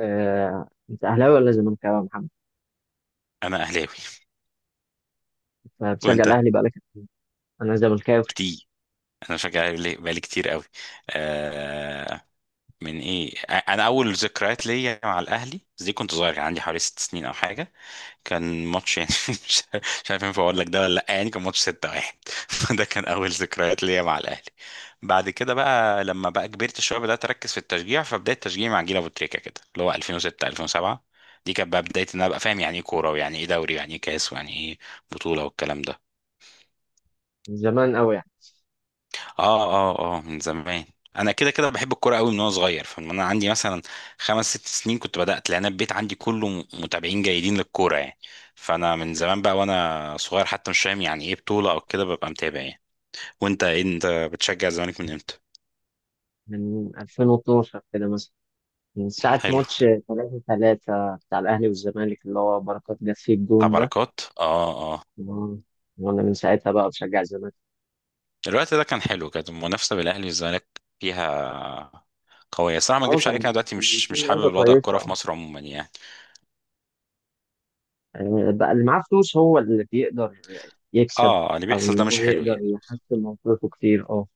آه، انت اهلاوي ولا زملكاوي يا محمد؟ انا اهلاوي. انت بتشجع وانت؟ الاهلي بقالك قد إيه؟ انا زملكاوي كتير. انا بشجع الاهلي بقالي كتير قوي. آه من ايه انا اول ذكريات ليا مع الاهلي دي، كنت صغير، كان عندي حوالي 6 سنين او حاجه. كان ماتش، يعني مش عارف ينفع اقول لك ده ولا لا، يعني كان ماتش 6-1 فده كان اول ذكريات ليا مع الاهلي. بعد كده بقى لما بقى كبرت شويه بدات اركز في التشجيع، فبدايه تشجيعي مع جيل ابو تريكه كده، اللي هو 2006 2007. دي كانت بقى بدايه ان انا ابقى فاهم يعني ايه كوره، ويعني ايه دوري، ويعني ايه كاس، ويعني ايه بطوله والكلام ده. من زمان قوي يعني، اه، اه، اه، من زمان. انا كده كده بحب الكوره قوي من وانا صغير، فمن انا عندي مثلا خمس ست سنين كنت بدات، لان البيت عندي كله متابعين جيدين للكوره يعني. فانا من زمان بقى وانا صغير حتى مش فاهم يعني ايه بطوله او كده ببقى متابع يعني. وانت إيه؟ انت بتشجع الزمالك من امتى؟ من 2012 كده مثلا، من ساعة حلو. ماتش 3-3 بتاع الاهلي والزمالك اللي هو بركات جاب فيه بتاع الجون ده. بركات، اه، اه. و- وانا من ساعتها بقى بشجع الزمالك. الوقت ده كان حلو، كانت المنافسه بين الاهلي والزمالك فيها قويه الصراحه، ما اه، اكذبش كان عليك، انا دلوقتي كان مش في مش لعيبة حابب وضع كويسة، الكوره في اه. مصر عموما يعني. يعني بقى اللي معاه فلوس هو اللي بيقدر يكسب، اه، اللي او بيحصل ان ده هو مش حلو يقدر يعني. يحسن موقفه كتير، اه.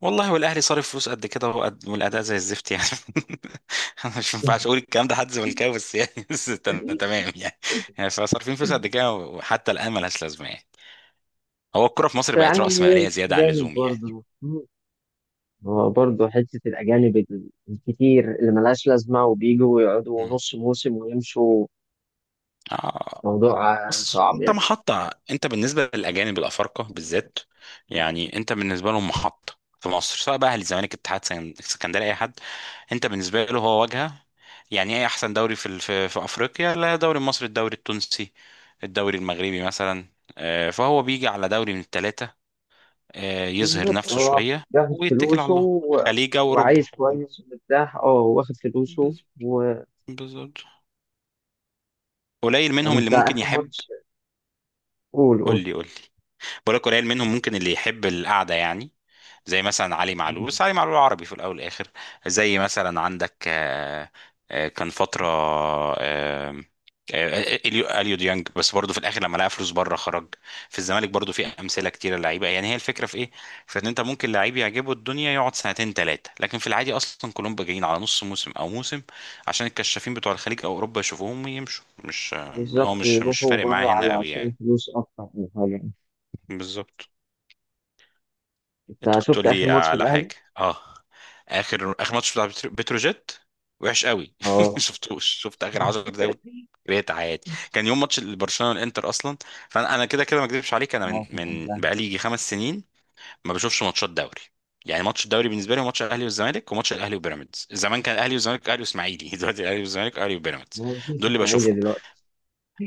والله، والاهلي صارف فلوس قد كده والاداء زي الزفت يعني انا مش ينفعش اقول الكلام ده حد زملكاوي بس يعني، بس أنا تمام يعني. يعني فصارفين فلوس قد كده وحتى الان ملهاش لازمه يعني. هو الكره في بس مصر بقت يعني راس ماليه زياده عن جامد اللزوم يعني. برضه. هو برضه حتة الأجانب الكتير اللي ملهاش لازمة وبيجوا ويقعدوا مم. نص موسم ويمشوا، اه. موضوع بص، صعب انت يعني. محطة، انت بالنسبة للأجانب الأفارقة بالذات، يعني انت بالنسبة لهم محطة في مصر، سواء بقى أهلي، الزمالك، اتحاد اسكندرية، أي حد، انت بالنسبة له هو واجهة. يعني ايه أحسن دوري في في أفريقيا؟ لا الدوري المصري، الدوري التونسي، الدوري المغربي مثلا. آه، فهو بيجي على دوري من الثلاثة، آه، يظهر بالظبط، نفسه هو شوية بياخد ويتكل على فلوسه الله، خليج أو أوروبا. وعايش كويس ومرتاح، اه، واخد فلوسه بز- و... بالظبط. قليل طب منهم اللي أنت، ممكن آخر يحب. ماتش، قول قول قول. لي، قول لي. ولا قليل منهم ممكن اللي يحب القعدة يعني. زي مثلا علي معلول، بس علي معلول عربي في الأول والآخر. زي مثلا عندك كان فترة آه، اليو ديانج، بس برضه في الاخر لما لقى فلوس بره خرج. في الزمالك برضه في امثله كتيره لعيبه، يعني هي الفكره في ايه؟ في ان انت ممكن لعيب يعجبه الدنيا يقعد سنتين ثلاثه، لكن في العادي اصلا كلهم بقى جايين على نص موسم او موسم، عشان الكشافين بتوع الخليج او اوروبا يشوفوهم ويمشوا، مش هو بالظبط، مش ويروحوا فارق معاه بره هنا قوي علشان يعني. فلوس أكتر من حاجة. بالظبط. انت أنت كنت شفت تقول آخر لي ماتش على الأهلي؟ حاجه؟ اه. اخر ماتش بتاع بتروجيت وحش قوي اه شفتوش؟ شفت اخر 10 دقايق، كرهت حياتي، كان يوم ماتش برشلونه والانتر اصلا. فانا كده كده، ما اكذبش عليك، انا من اه، كان من قبلها. بقالي يجي خمس سنين ما بشوفش ماتشات دوري، يعني ماتش الدوري بالنسبه لي هو ماتش الاهلي والزمالك وماتش الاهلي وبيراميدز، زمان كان الاهلي والزمالك اهلي واسماعيلي دلوقتي الاهلي والزمالك اهلي وبيراميدز، ما هو مفيش دول اللي إسماعيلي بشوفهم. دلوقتي.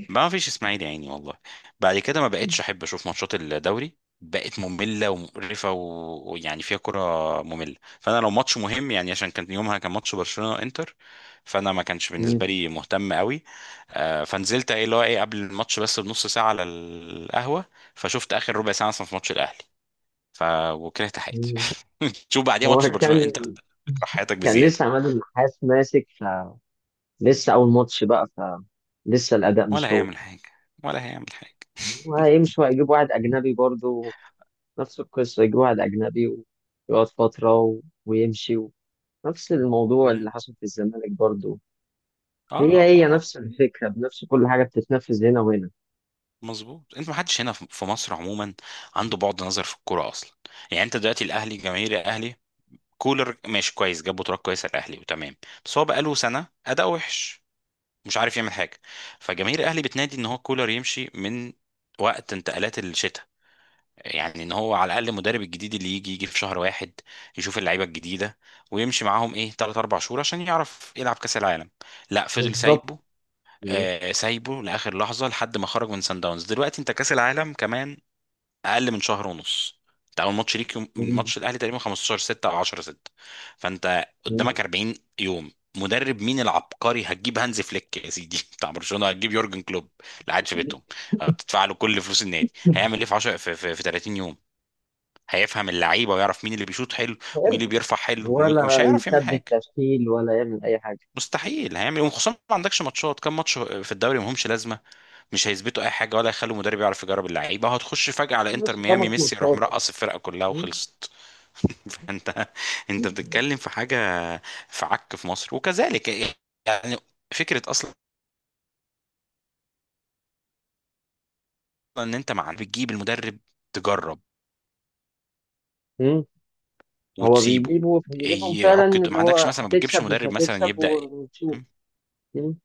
ما فيش اسماعيلي يا عيني والله. بعد كده ما بقتش احب اشوف ماتشات الدوري، بقت مملة ومقرفة ويعني فيها كرة مملة، فانا لو ماتش مهم، يعني عشان كان يومها كان ماتش برشلونة انتر، فانا ما كانش بالنسبة مم. لي مهتم قوي. آه، فنزلت ايه اللي هو ايه قبل الماتش بس بنص ساعة على القهوة، فشفت اخر ربع ساعة مثلا في ماتش الاهلي، ف وكرهت حياتي. مم. شوف بعديها هو ماتش برشلونة كان انتر، تكره حياتك كان لسه بزيادة. عماد النحاس ماسك، فلسه أول ماتش بقى، فلسه الأداء ولا مش هو. هيعمل حاجة، ولا هيعمل حاجة. وهيمشوا، هيجيب واحد أجنبي برضو، نفس القصة، يجيب واحد أجنبي ويقعد فترة ويمشي. نفس الموضوع مم. اللي حصل في الزمالك برضو. هي اه، هي اه. نفس الفكرة، بنفس كل حاجة بتتنفذ هنا وهنا. مظبوط، انت ما حدش هنا في مصر عموما عنده بعد نظر في الكوره اصلا. يعني انت دلوقتي الاهلي، جماهير الاهلي، كولر ماشي كويس، جاب بطولات كويسه الاهلي وتمام، بس هو بقاله سنه اداء وحش مش عارف يعمل حاجه، فجماهير الاهلي بتنادي ان هو كولر يمشي من وقت انتقالات الشتاء، يعني ان هو على الاقل المدرب الجديد اللي يجي في شهر واحد يشوف اللعيبه الجديده ويمشي معاهم ايه 3 4 شهور عشان يعرف يلعب كاس العالم، لا فضل بالظبط، سايبه. آه، سايبه لاخر لحظه لحد ما خرج من سان داونز، دلوقتي انت كاس العالم كمان اقل من شهر ونص، انت اول ماتش ليك يوم ماتش الاهلي تقريبا 15/6 او 10/6، فانت قدامك 40 يوم، مدرب مين العبقري هتجيب؟ هانز فليك يا سيدي؟ بتاع برشلونه؟ هتجيب يورجن كلوب اللي قاعد في بيتهم، بتدفع له كل فلوس النادي؟ هيعمل ايه في 10 في 30 يوم؟ هيفهم اللعيبه ويعرف مين اللي بيشوط حلو ومين اللي بيرفع حلو ومين؟ مش ولا هيعرف يعمل يثبت حاجه، تشكيل ولا يعمل أي حاجة. مستحيل. هيعمل إيه؟ وخصوصا ما عندكش ماتشات، كام ماتش في الدوري ما همش لازمه، مش هيثبتوا اي حاجه ولا هيخلوا المدرب يعرف يجرب اللعيبه، هتخش فجاه على بس انتر ميامي، خمس ميسي يروح ماتشات مرقص الفرقه كلها وخلصت. فانت بتتكلم في حاجه في عك في مصر وكذلك، يعني فكره اصلا ان انت مع بتجيب المدرب تجرب هو وتسيبه، بيجيبهم فعلا، يعك ما اللي عندكش هو مثلا، ما بتجيبش هتكسب مش مدرب مثلا هتكسب يبدا. ونشوف. مم.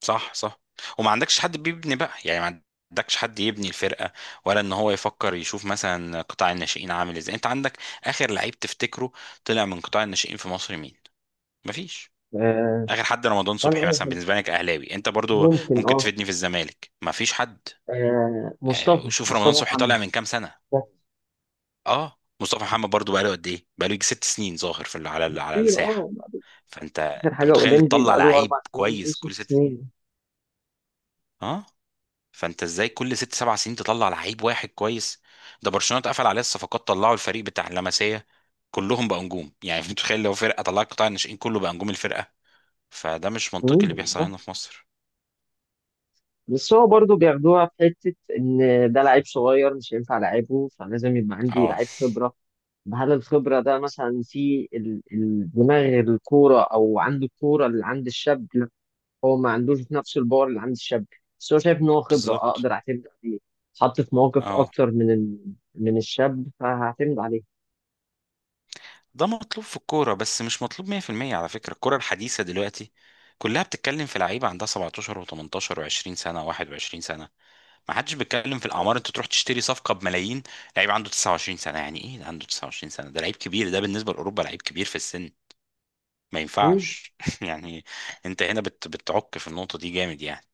صح، صح. وما عندكش حد بيبني بقى، يعني ما عندكش حد يبني الفرقة، ولا ان هو يفكر يشوف مثلا قطاع الناشئين عامل ازاي، انت عندك اخر لعيب تفتكره طلع من قطاع الناشئين في مصر مين؟ مفيش. آه اخر حد رمضان فأنا صبحي مثلا أقول بالنسبة لك، اهلاوي انت برضو، ممكن، ممكن تفيدني في الزمالك مفيش حد. آه، مصطفى شوف، رمضان مصطفى صبحي محمد طالع من كام سنة؟ بس، اه، مصطفى محمد برضو بقاله قد ايه؟ بقاله يجي ست سنين ظاهر على كتير اه. الساحة. فانت آخر انت حاجة متخيل أولمبي تطلع بقى له لعيب 4 سنين أو كويس كل ست 6 سنين؟ سنين اه. فانت ازاي كل ست سبع سنين تطلع لعيب واحد كويس؟ ده برشلونه اتقفل عليه الصفقات طلعوا الفريق بتاع اللمسيه، كلهم بقى نجوم يعني متخيل لو فرقه طلعت قطاع الناشئين كله بقى نجوم الفرقه، فده مش منطقي اللي مم، بيحصل صح، هنا في مصر. بس هو برضه بياخدوها في حتة إن ده لعيب صغير مش هينفع لعيبه، فلازم يبقى عندي اه، لعيب خبرة. طب هل الخبرة ده مثلا في دماغ الكورة أو عند الكورة اللي عند الشاب؟ هو ما عندوش نفس الباور اللي عند الشاب، بس هو شايف ان هو خبره، بالظبط، اقدر اعتمد عليه. اتحط في مواقف اه. اكتر من من الشاب، فهعتمد عليه. ده مطلوب في الكوره، بس مش مطلوب 100% على فكره، الكوره الحديثه دلوقتي كلها بتتكلم في لعيبه عندها 17 و18 و20 سنه و21 سنه، ما حدش بيتكلم في الاعمار، انت تروح تشتري صفقه بملايين لعيب عنده 29 سنه، يعني ايه ده عنده 29 سنه؟ ده لعيب كبير، ده بالنسبه لاوروبا لعيب كبير في السن، ما مم. ينفعش يعني انت هنا بتعك في النقطه دي جامد يعني.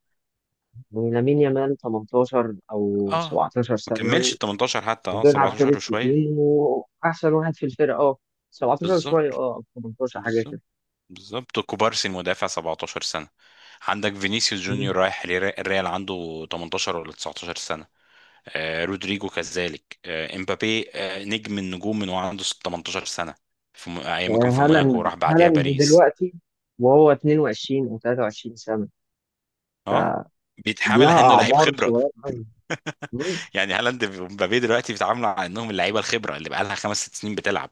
ولامين يامال 18 او اه 17 ما سنه كملش و- ال 18 حتى، اه، وبيلعب 17 حارس في وشويه، تيم واحسن واحد في الفرقه، اه. 17 شويه، بالظبط، اه، أو 18 حاجه بالظبط، كده. بالظبط، كوبارسي المدافع 17 سنه، عندك فينيسيوس مم. جونيور رايح الريال، عنده 18 ولا 19 سنه، آه، رودريجو كذلك، آه، امبابي، آه، نجم النجوم من وهو عنده 18 سنة، في ايام ما كان في موناكو هالاند وراح بعديها هالاند باريس. دلوقتي، وهو 22 او 23 سنه، اه، فلها بيتحامل على انه لعيب اعمار خبرة، صغيره قوي. يعني هالاند ومبابي دلوقتي بيتعاملوا على انهم اللعيبة الخبرة اللي بقالها خمس ست سنين بتلعب،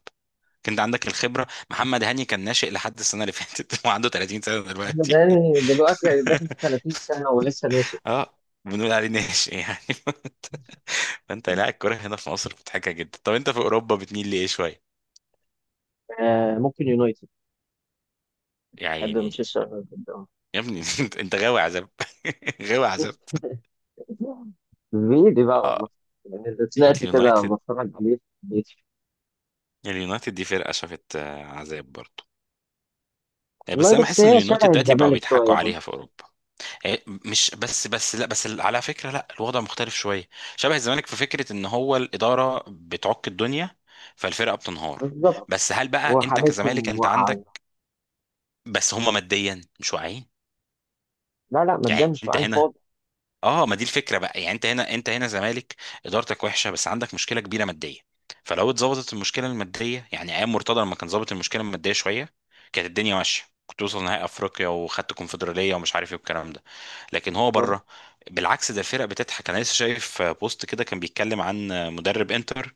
كنت عندك الخبرة محمد هاني كان ناشئ لحد السنة اللي فاتت وعنده 30 سنة أحمد دلوقتي. هاني دلوقتي يعني داخل في 30 سنة ولسه ناشئ. اه، بنقول عليه ناشئ يعني. فانت، لا، الكوره هنا في مصر مضحكه جدا. طب انت في اوروبا بتميل لايه شويه؟ آه، ممكن يونايتد، يا بحب عيني. مانشستر يونايتد أوي. يا ابني انت غاوي عذاب، غاوي عذاب. بعيد بقى اه، والله، يعني اللي طلعت كده اليونايتد، بتفرج عليه في البيت. اليونايتد دي فرقة شافت، آه، عذاب برضه، آه، بس والله انا بس بحس ان هي اليونايتد شبه دلوقتي بقوا الزمالك بيضحكوا شوية برضه. عليها في اوروبا. آه، مش بس لا، بس على فكرة لا الوضع مختلف شوية، شبه الزمالك في فكرة ان هو الإدارة بتعك الدنيا فالفرقة بتنهار، بالظبط، بس هل بقى انت كزمالك وحالتهم انت عندك، واقعة. بس هم ماديا مش واعيين، لا لا، ما يعني تدامش انت بعين هنا، خالص. اه، ما دي الفكره بقى، يعني انت هنا زمالك، ادارتك وحشه بس عندك مشكله كبيره ماديه، فلو اتظبطت المشكله الماديه، يعني ايام مرتضى لما كان ظابط المشكله الماديه شويه كانت الدنيا ماشيه، كنت توصل نهائي افريقيا وخدت كونفدراليه ومش عارف ايه والكلام ده، لكن هو بالظبط، بره بالعكس ده الفرق بتضحك. انا لسه شايف بوست كده كان بيتكلم عن مدرب انتر،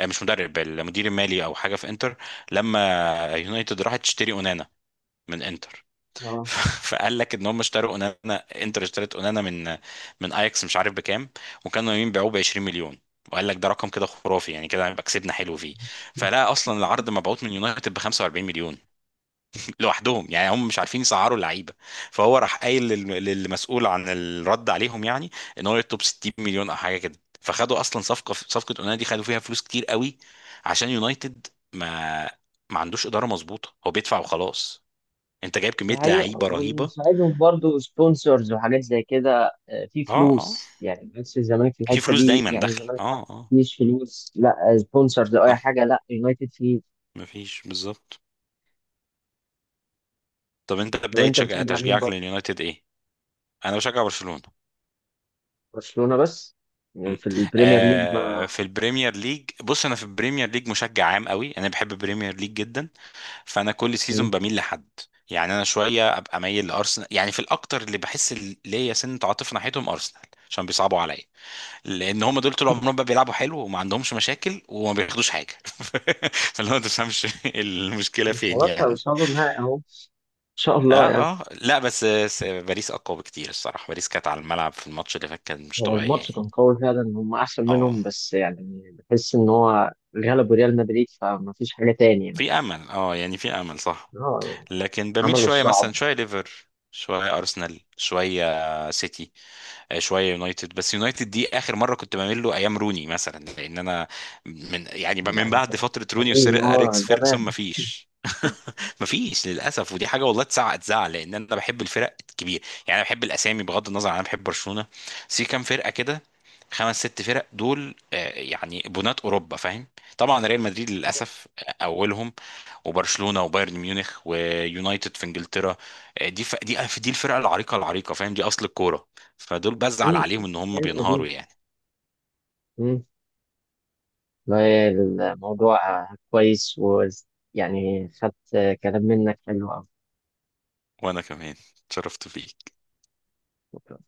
آه، مش مدرب، المدير المالي او حاجه في انتر، لما يونايتد راحت تشتري اونانا من انتر، آه. فقال لك ان هم اشتروا اونانا، انتر اشترت اونانا من اياكس مش عارف بكام، وكانوا يمين بيعوه ب 20 مليون، وقال لك ده رقم كده خرافي يعني كده هيبقى كسبنا حلو فيه، فلا اصلا العرض مبعوت من يونايتد ب 45 مليون لوحدهم، يعني هم مش عارفين يسعروا اللعيبه، فهو راح قايل للمسؤول عن الرد عليهم، يعني ان هو يطلب 60 مليون او حاجه كده، فخدوا اصلا صفقه اونانا دي خدوا فيها فلوس كتير قوي عشان يونايتد ما ما عندوش اداره مظبوطه، هو بيدفع وخلاص، انت جايب كميه الحقيقة لعيبه رهيبه. ونساعدهم برضو سبونسرز وحاجات زي كده، في اه، اه، فلوس يعني. بس الزمالك في في الحتة فلوس دي، دايما يعني داخله، الزمالك اه، حتى اه. مفيش فلوس، لا سبونسرز أو أي صح. حاجة، لا يونايتد فيه. مفيش، بالظبط. طب انت لو بداية أنت بتشجع مين تشجيعك برضه؟ لليونايتد ايه؟ انا بشجع برشلونة. برشلونة بس؟ م. يعني في البريمير ليج ما... آه، في البريمير ليج، بص انا في البريمير ليج مشجع عام قوي، انا بحب البريمير ليج جدا، فانا كل سيزون بميل لحد، يعني انا شويه ابقى مايل لارسنال، يعني في الاكتر اللي بحس ليا سنه عاطفه ناحيتهم ارسنال، عشان بيصعبوا عليا، لان هم دول طول عمرهم بقى بيلعبوا حلو وما عندهمش مشاكل وما بياخدوش حاجه فاللي هو ما تفهمش المشكله فين خلاص يعني. هيوصلوا النهائي أهو، إن شاء اه، الله يعني. اه، لا، بس باريس اقوى بكتير الصراحه، باريس كانت على الملعب في الماتش اللي فات كان مش هو طبيعيه الماتش يعني. كان قوي فعلا، هم أحسن اه، منهم، بس يعني بحس إن هو غلبوا ريال مدريد فمفيش حاجة تاني يعني. في امل، اه يعني في امل، صح. اه يعني، لكن بميل عملوا شويه الصعب. مثلا شويه ليفر، شويه ارسنال، شويه سيتي، آه، شويه يونايتد، بس يونايتد دي اخر مره كنت بعمل له ايام روني مثلا، لان انا من يعني من يعني، بعد فتره روني وسير اه اريكس ده. فيرجسون مفيش مم. مفيش للاسف، ودي حاجه والله تزعق تزعل لان انا بحب الفرق الكبيره، يعني انا بحب الاسامي، بغض النظر عن انا بحب برشلونه، بس في كام فرقه كده، خمس ست فرق دول، آه، يعني بنات اوروبا فاهم، طبعا ريال مدريد للاسف، آه، اولهم، وبرشلونه وبايرن ميونخ ويونايتد في انجلترا، آه، دي دي الفرقه العريقه العريقه، فاهم، دي اصل الكوره، فدول بزعل عليهم ان هم الحياة بينهاروا القديمة. يعني. مم. والله الموضوع كويس، ويعني خدت كلام منك حلو وانا كمان اتشرفت بيك. أوي